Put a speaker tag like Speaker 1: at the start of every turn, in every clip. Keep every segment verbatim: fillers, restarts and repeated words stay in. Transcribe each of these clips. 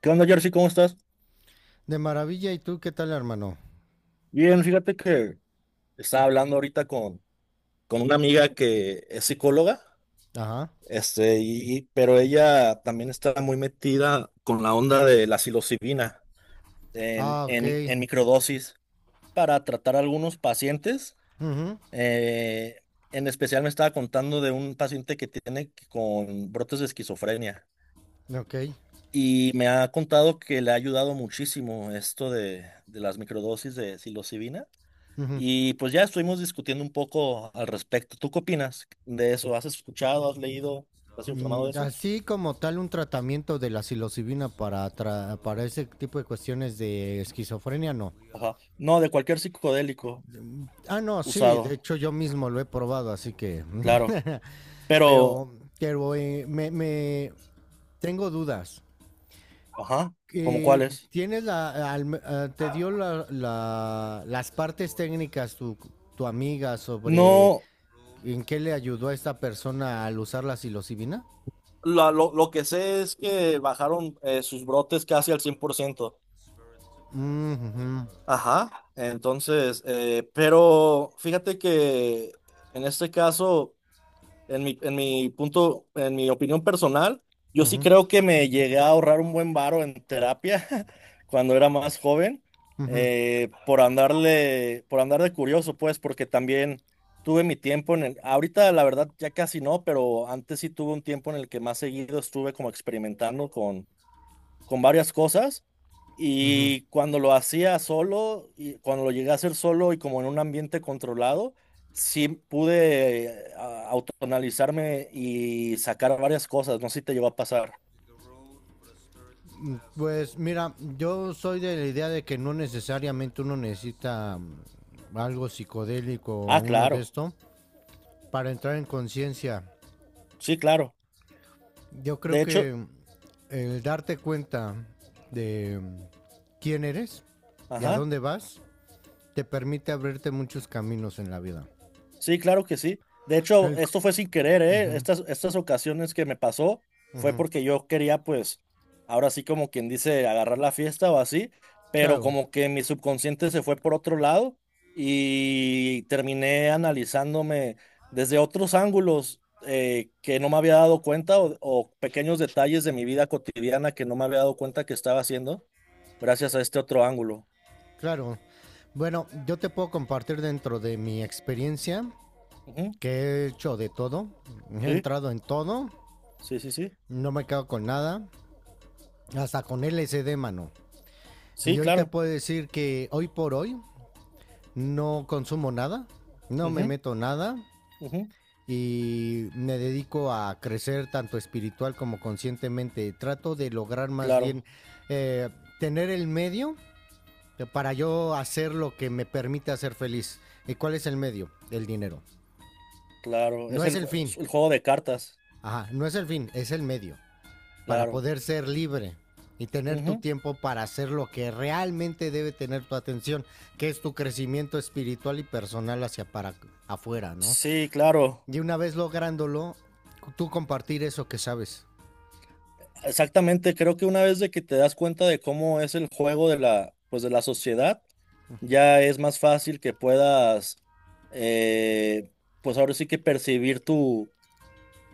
Speaker 1: ¿Qué onda, Jersey? ¿Cómo estás?
Speaker 2: De maravilla, ¿y tú qué tal, hermano?
Speaker 1: Bien, fíjate que estaba hablando ahorita con, con una amiga que es psicóloga,
Speaker 2: Ajá.
Speaker 1: este, y, y- pero ella también está muy metida con la onda de la psilocibina en,
Speaker 2: Ah, ok.
Speaker 1: en, en microdosis para tratar algunos pacientes.
Speaker 2: Ujú.
Speaker 1: Eh, en especial me estaba contando de un paciente que tiene con brotes de esquizofrenia
Speaker 2: Ok.
Speaker 1: y me ha contado que le ha ayudado muchísimo esto de, de las microdosis de psilocibina.
Speaker 2: Ujú.
Speaker 1: Y pues ya estuvimos discutiendo un poco al respecto. ¿Tú qué opinas de eso? ¿Has escuchado, has leído, has informado
Speaker 2: Mm,
Speaker 1: de eso?
Speaker 2: Así como tal un tratamiento de la psilocibina para, tra- para ese tipo de cuestiones de esquizofrenia, no.
Speaker 1: Ajá. No, de cualquier psicodélico
Speaker 2: Mm, Ah, no, sí, de
Speaker 1: usado,
Speaker 2: hecho yo mismo lo he probado, así que...
Speaker 1: claro. Pero,
Speaker 2: pero pero eh, me, me- tengo dudas.
Speaker 1: ajá, ¿cómo
Speaker 2: Eh,
Speaker 1: cuáles?
Speaker 2: ¿Tienes la... al- ah, te dio la- la- las partes técnicas tu, tu amiga sobre
Speaker 1: No,
Speaker 2: ¿en qué le ayudó a esta persona al usar la psilocibina?
Speaker 1: la- lo, lo que sé es que bajaron eh, sus brotes casi al cien por ciento.
Speaker 2: Mm, ujú,
Speaker 1: Ajá. Entonces, eh, pero fíjate que en este caso... En mi, en mi punto, en mi opinión personal, yo sí
Speaker 2: ujú,
Speaker 1: creo que me llegué a ahorrar un buen varo en terapia cuando era más joven,
Speaker 2: ujú,
Speaker 1: eh, por andarle, por andar de curioso, pues, porque también tuve mi tiempo en el, ahorita la verdad ya casi no, pero antes sí tuve un tiempo en el que más seguido estuve como experimentando con, con varias cosas
Speaker 2: ujú.
Speaker 1: y cuando lo hacía solo, y cuando lo llegué a hacer solo y como en un ambiente controlado, sí pude eh, a- autoanalizarme y sacar varias cosas. No sé si te llegó a pasar.
Speaker 2: Mm, Pues mira, yo soy de la idea de que no necesariamente uno necesita mm, algo psicodélico o
Speaker 1: Ah,
Speaker 2: uno de
Speaker 1: claro.
Speaker 2: esto para entrar en conciencia.
Speaker 1: Sí, claro.
Speaker 2: Yo creo
Speaker 1: De hecho,
Speaker 2: que el darte cuenta de mm, quién eres y a
Speaker 1: ajá.
Speaker 2: dónde vas te permite abrirte muchos caminos en la vida.
Speaker 1: Sí, claro que sí. De hecho,
Speaker 2: El c-
Speaker 1: esto fue sin querer, ¿eh? Estas, estas ocasiones que me pasó
Speaker 2: Ujú,
Speaker 1: fue
Speaker 2: ujú.
Speaker 1: porque yo quería, pues, ahora sí como quien dice, agarrar la fiesta o así, pero
Speaker 2: Claro.
Speaker 1: como que mi subconsciente se fue por otro lado y terminé analizándome desde otros ángulos eh, que no me había dado cuenta o, o pequeños detalles de mi vida cotidiana que no me había dado cuenta que estaba haciendo gracias a este otro ángulo.
Speaker 2: Claro. Bueno, yo te puedo compartir dentro de mi experiencia
Speaker 1: Ujú.
Speaker 2: que he hecho de todo. He
Speaker 1: Sí,
Speaker 2: entrado en todo,
Speaker 1: sí, sí, sí.
Speaker 2: no me quedo con nada, hasta con L S D, mano. Y
Speaker 1: Sí,
Speaker 2: hoy te
Speaker 1: claro.
Speaker 2: puedo decir que hoy por hoy no consumo nada, no me
Speaker 1: Ujú,
Speaker 2: meto nada
Speaker 1: ujú,
Speaker 2: y me dedico a crecer tanto espiritual como conscientemente. Trato de lograr más
Speaker 1: claro.
Speaker 2: bien eh, tener el medio para yo hacer lo que me permita ser feliz. ¿Y cuál es el medio? El dinero.
Speaker 1: Claro,
Speaker 2: No
Speaker 1: es
Speaker 2: es
Speaker 1: el,
Speaker 2: el
Speaker 1: jue-
Speaker 2: fin.
Speaker 1: el juego de cartas,
Speaker 2: Ajá, no es el fin, es el medio. Para
Speaker 1: claro.
Speaker 2: poder ser libre y tener tu
Speaker 1: Ujú.
Speaker 2: tiempo para hacer lo que realmente debe tener tu atención, que es tu crecimiento espiritual y personal hacia para afuera, ¿no?
Speaker 1: Sí, claro.
Speaker 2: Y una vez lográndolo, tú compartir eso que sabes.
Speaker 1: Exactamente, creo que una vez de que te das cuenta de cómo es el juego de la, pues de la sociedad, ya es más fácil que puedas, eh, pues ahora sí que percibir tu,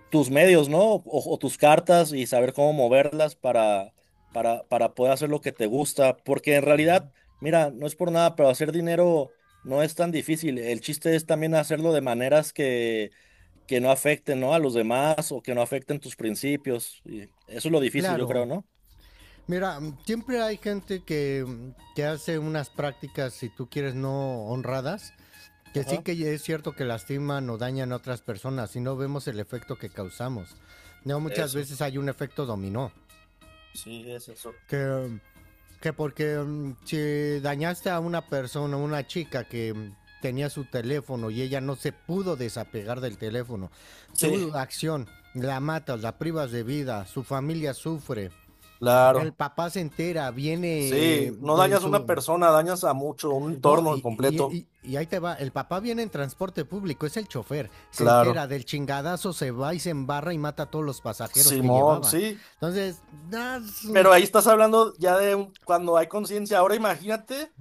Speaker 1: tus medios, ¿no? O, o tus cartas y saber cómo moverlas para, para, para poder hacer lo que te gusta. Porque en realidad, mira, no es por nada, pero hacer dinero no es tan difícil. El chiste es también hacerlo de maneras que que no afecten, ¿no?, a los demás o que no afecten tus principios. Y eso es lo difícil, yo
Speaker 2: Claro,
Speaker 1: creo, ¿no?
Speaker 2: mira, siempre hay gente que, que hace unas prácticas, si tú quieres, no honradas. Que sí,
Speaker 1: Ajá.
Speaker 2: que es cierto que lastiman o dañan a otras personas y no vemos el efecto que causamos. No, muchas
Speaker 1: Eso,
Speaker 2: veces hay un efecto dominó.
Speaker 1: sí, es eso.
Speaker 2: Que, que porque mm, si dañaste a una persona, una chica que mm, tenía su teléfono y ella no se pudo desapegar del teléfono,
Speaker 1: Sí,
Speaker 2: tu acción, la matas, la privas de vida, su familia sufre, el
Speaker 1: claro.
Speaker 2: papá se entera, viene eh,
Speaker 1: Sí, no
Speaker 2: en
Speaker 1: dañas a una
Speaker 2: su,
Speaker 1: persona, dañas a mucho, un
Speaker 2: no,
Speaker 1: entorno
Speaker 2: y, y-
Speaker 1: completo.
Speaker 2: y- y ahí te va, el papá viene en transporte público, es el chofer, se entera
Speaker 1: Claro.
Speaker 2: del chingadazo, se va y se embarra y mata a todos los pasajeros que
Speaker 1: Simón,
Speaker 2: llevaba.
Speaker 1: sí.
Speaker 2: Entonces, ah, sí,
Speaker 1: Pero ahí estás hablando ya de un- cuando hay conciencia. Ahora imagínate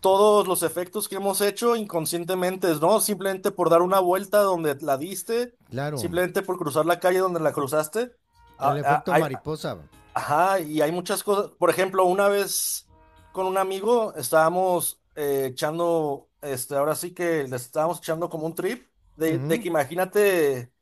Speaker 1: todos los efectos que hemos hecho inconscientemente, ¿no? Simplemente por dar una vuelta donde la diste,
Speaker 2: claro,
Speaker 1: simplemente por cruzar la calle donde la cruzaste.
Speaker 2: el
Speaker 1: A- a-
Speaker 2: efecto
Speaker 1: Hay,
Speaker 2: mariposa.
Speaker 1: Ajá, y hay muchas cosas. Por ejemplo, una vez con un amigo estábamos eh, echando, este, ahora sí que le estábamos echando como un trip, de, de
Speaker 2: Ujú.
Speaker 1: que imagínate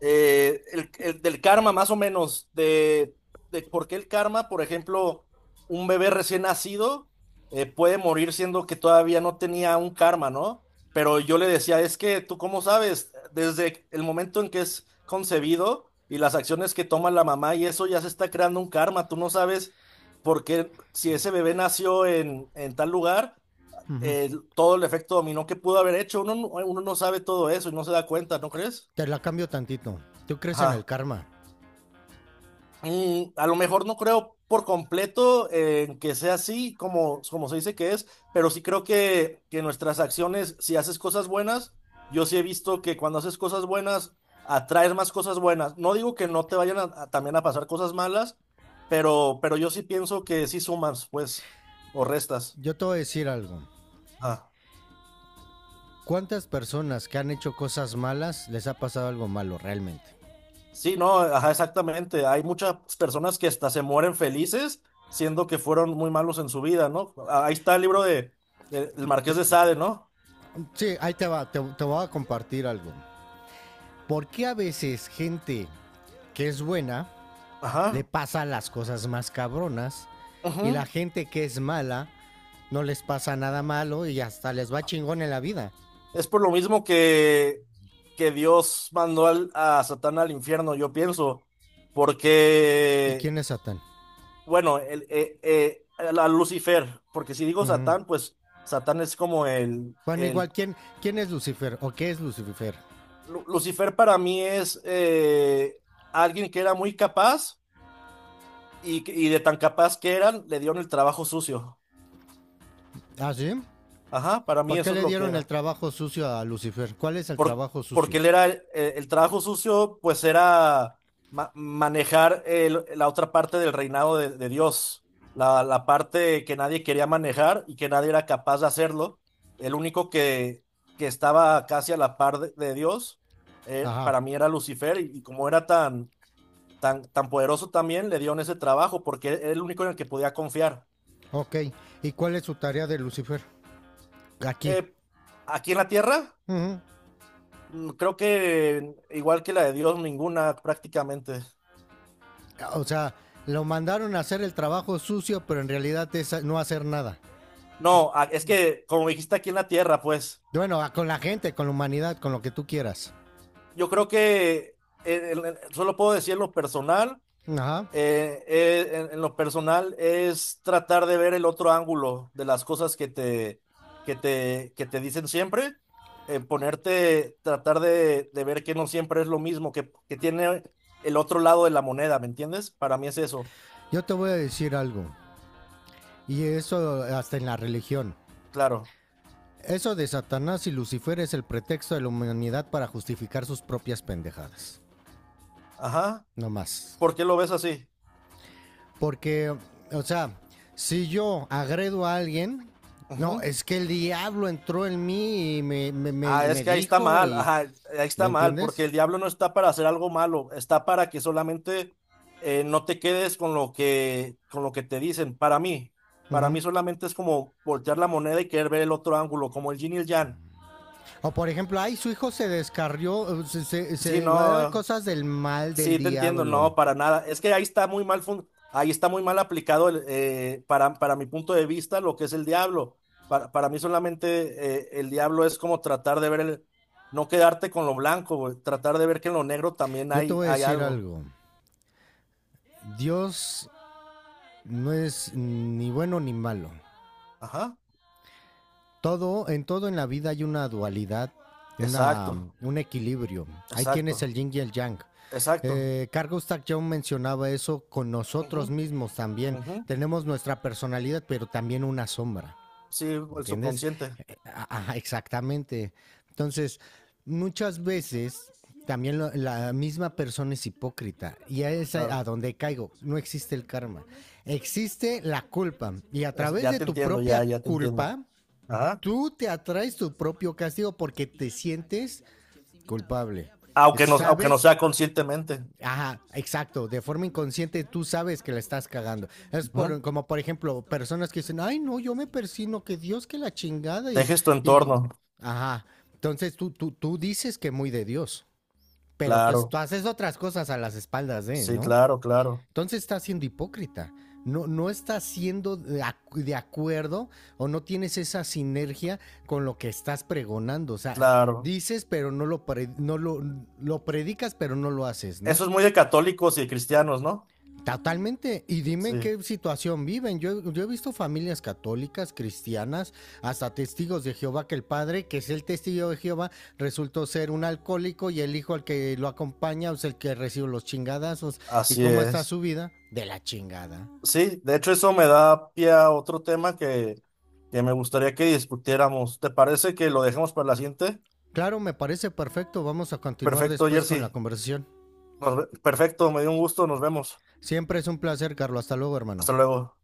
Speaker 1: eh, el, el del karma, más o menos, de, de por qué el karma, por ejemplo, un bebé recién nacido eh, puede morir siendo que todavía no tenía un karma, ¿no? Pero yo le decía, es que tú cómo sabes, desde el momento en que es concebido y las acciones que toma la mamá y eso ya se está creando un karma, tú no sabes por qué si ese bebé nació en, en tal lugar. Eh, todo el efecto dominó que pudo haber hecho, uno, no- uno no sabe todo eso y no se da cuenta, ¿no crees?
Speaker 2: Te la cambio tantito. ¿Tú crees en el
Speaker 1: Ajá.
Speaker 2: karma?
Speaker 1: Mm, a lo mejor no creo por completo eh, que sea así como, como se dice que es, pero sí creo que, que nuestras acciones, si haces cosas buenas, yo sí he visto que cuando haces cosas buenas, atraes más cosas buenas. No digo que no te vayan a- a también a pasar cosas malas, pero, pero yo sí pienso que sí sumas, pues, o restas.
Speaker 2: Yo te voy a decir algo.
Speaker 1: Ah.
Speaker 2: ¿Cuántas personas que han hecho cosas malas les ha pasado algo malo realmente?
Speaker 1: Sí, no, ajá, exactamente. Hay muchas personas que hasta se mueren felices siendo que fueron muy malos en su vida, ¿no? Ah, ahí está el libro de, de- del
Speaker 2: Te-
Speaker 1: Marqués
Speaker 2: te-
Speaker 1: de Sade, ¿no?
Speaker 2: sí, ahí te va, te, te voy a compartir algo. ¿Por qué a veces gente que es buena le
Speaker 1: Ajá.
Speaker 2: pasan las cosas más cabronas y la
Speaker 1: Ujú.
Speaker 2: gente que es mala no les pasa nada malo y hasta les va chingón en la vida?
Speaker 1: Es por lo mismo que, que Dios mandó al- a Satán al infierno, yo pienso,
Speaker 2: ¿Y
Speaker 1: porque,
Speaker 2: quién es Satán?
Speaker 1: bueno, el, eh, eh, el- a Lucifer, porque si digo
Speaker 2: Ujú.
Speaker 1: Satán, pues Satán es como el,
Speaker 2: Bueno,
Speaker 1: el
Speaker 2: igual, ¿quién, quién es Lucifer o qué es Lucifer?
Speaker 1: Lu- Lucifer. Para mí es eh, alguien que era muy capaz. Y, que- y de tan capaz que eran, le dieron el trabajo sucio.
Speaker 2: ¿Ah, sí?
Speaker 1: Ajá, para mí
Speaker 2: ¿Por qué
Speaker 1: eso es
Speaker 2: le
Speaker 1: lo que
Speaker 2: dieron el
Speaker 1: era.
Speaker 2: trabajo sucio a Lucifer? ¿Cuál es el
Speaker 1: Por-
Speaker 2: trabajo
Speaker 1: porque
Speaker 2: sucio?
Speaker 1: él era, el, el trabajo sucio, pues era ma- manejar el- la otra parte del reinado de, de Dios. La, la parte que nadie quería manejar y que nadie era capaz de hacerlo. El único que, que estaba casi a la par de, de Dios, eh,
Speaker 2: Ajá,
Speaker 1: para mí era Lucifer. Y, y como era tan, tan, tan poderoso también, le dieron ese trabajo porque era el único en el que podía confiar.
Speaker 2: ok. ¿Y cuál es su tarea de Lucifer? Aquí.
Speaker 1: Eh, Aquí en la Tierra,
Speaker 2: Ujú.
Speaker 1: mm, creo que igual que la de Dios, ninguna prácticamente.
Speaker 2: O sea, lo mandaron a hacer el trabajo sucio, pero en realidad es no hacer nada.
Speaker 1: No, a- es que como dijiste aquí en la Tierra, pues
Speaker 2: Bueno, con la gente, con la humanidad, con lo que tú quieras.
Speaker 1: yo creo que eh, en- en- solo puedo decir en lo personal,
Speaker 2: Ajá.
Speaker 1: eh, eh, en, en lo personal es tratar de ver el otro ángulo de las cosas que te, que te, que te dicen siempre, eh, ponerte, tratar de, de ver que no siempre es lo mismo, que, que tiene el otro lado de la moneda, ¿me entiendes? Para mí es eso,
Speaker 2: Yo te voy a decir algo, y eso hasta en la religión.
Speaker 1: claro.
Speaker 2: Eso de Satanás y Lucifer es el pretexto de la humanidad para justificar sus propias pendejadas.
Speaker 1: Ajá.
Speaker 2: No más.
Speaker 1: ¿Por qué lo ves así?
Speaker 2: Porque, o sea, si yo agredo a alguien, no,
Speaker 1: Ujú.
Speaker 2: es que el diablo entró en mí y me, me-
Speaker 1: Ah,
Speaker 2: me-
Speaker 1: es
Speaker 2: me
Speaker 1: que ahí está
Speaker 2: dijo
Speaker 1: mal,
Speaker 2: y...
Speaker 1: ajá, ahí
Speaker 2: ¿Me
Speaker 1: está mal,
Speaker 2: entiendes?
Speaker 1: porque el diablo no está para hacer algo malo, está para que solamente eh, no te quedes con lo que, con lo que te dicen. Para mí, para
Speaker 2: Ujú.
Speaker 1: mí solamente es como voltear la moneda y querer ver el otro ángulo, como el yin y el yang.
Speaker 2: O por ejemplo, ay, su hijo se descarrió, eh, se, se-
Speaker 1: Sí,
Speaker 2: se va a dar
Speaker 1: no,
Speaker 2: cosas del mal del
Speaker 1: sí, te entiendo, no,
Speaker 2: diablo.
Speaker 1: para nada. Es que ahí está muy mal fun- ahí está muy mal aplicado el, eh, para, para mi punto de vista lo que es el diablo. Para, para mí solamente eh, el diablo es como tratar de ver el, no quedarte con lo blanco, güey, tratar de ver que en lo negro también
Speaker 2: Yo te
Speaker 1: hay,
Speaker 2: voy a
Speaker 1: hay
Speaker 2: decir
Speaker 1: algo.
Speaker 2: algo. Dios no es ni bueno ni malo.
Speaker 1: Ajá.
Speaker 2: Todo, en todo en la vida hay una dualidad, una,
Speaker 1: Exacto,
Speaker 2: un equilibrio. Ahí tienes el
Speaker 1: exacto,
Speaker 2: yin y el yang.
Speaker 1: exacto.
Speaker 2: Eh, Carl Gustav Jung mencionaba eso con nosotros mismos también.
Speaker 1: Ujú, ujú.
Speaker 2: Tenemos nuestra personalidad, pero también una sombra.
Speaker 1: Sí, el
Speaker 2: ¿Entiendes?
Speaker 1: subconsciente,
Speaker 2: Ajá, exactamente. Entonces, muchas veces también lo- la misma persona es hipócrita y a es a a
Speaker 1: claro.
Speaker 2: donde caigo. No existe el karma, existe la culpa y a
Speaker 1: Es-
Speaker 2: través
Speaker 1: ya
Speaker 2: de
Speaker 1: te
Speaker 2: tu
Speaker 1: entiendo,
Speaker 2: propia
Speaker 1: ya, ya te entiendo.
Speaker 2: culpa,
Speaker 1: Ajá.
Speaker 2: tú te atraes tu propio castigo porque te sientes culpable. Es-
Speaker 1: Aunque no, aunque no
Speaker 2: Sabes.
Speaker 1: sea conscientemente.
Speaker 2: Ajá, exacto. De forma inconsciente tú sabes que la estás cagando. Es
Speaker 1: Ujú.
Speaker 2: por, como por ejemplo, personas que dicen, ay no, yo me persino, que Dios que la chingada y,
Speaker 1: Tejes tu
Speaker 2: y...
Speaker 1: entorno,
Speaker 2: ajá. Entonces tú, tú, tú dices que muy de Dios, pero tú, es-
Speaker 1: claro.
Speaker 2: tú haces otras cosas a las espaldas de,
Speaker 1: Sí,
Speaker 2: ¿no?
Speaker 1: claro, claro,
Speaker 2: Entonces estás siendo hipócrita. No, no estás siendo de, acu- de acuerdo o no tienes esa sinergia con lo que estás pregonando. O sea,
Speaker 1: claro.
Speaker 2: dices, pero no lo, pre- no lo, lo predicas, pero no lo haces, ¿no?
Speaker 1: Eso es muy de católicos y de cristianos, ¿no?
Speaker 2: Totalmente. Y dime en
Speaker 1: Sí,
Speaker 2: qué situación viven. Yo, yo he visto familias católicas, cristianas, hasta testigos de Jehová, que el padre, que es el testigo de Jehová, resultó ser un alcohólico y el hijo al que lo acompaña es el que recibe los chingadazos. ¿Y
Speaker 1: así
Speaker 2: cómo está
Speaker 1: es.
Speaker 2: su vida? De la chingada.
Speaker 1: Sí, de hecho eso me da pie a otro tema que, que me gustaría que discutiéramos. ¿Te parece que lo dejemos para la siguiente?
Speaker 2: Claro, me parece perfecto. Vamos a continuar
Speaker 1: Perfecto,
Speaker 2: después con la
Speaker 1: Jersey.
Speaker 2: conversación.
Speaker 1: Nos ve- Perfecto, me dio un gusto, nos vemos.
Speaker 2: Siempre es un placer, Carlos. Hasta luego, hermano.
Speaker 1: Hasta luego.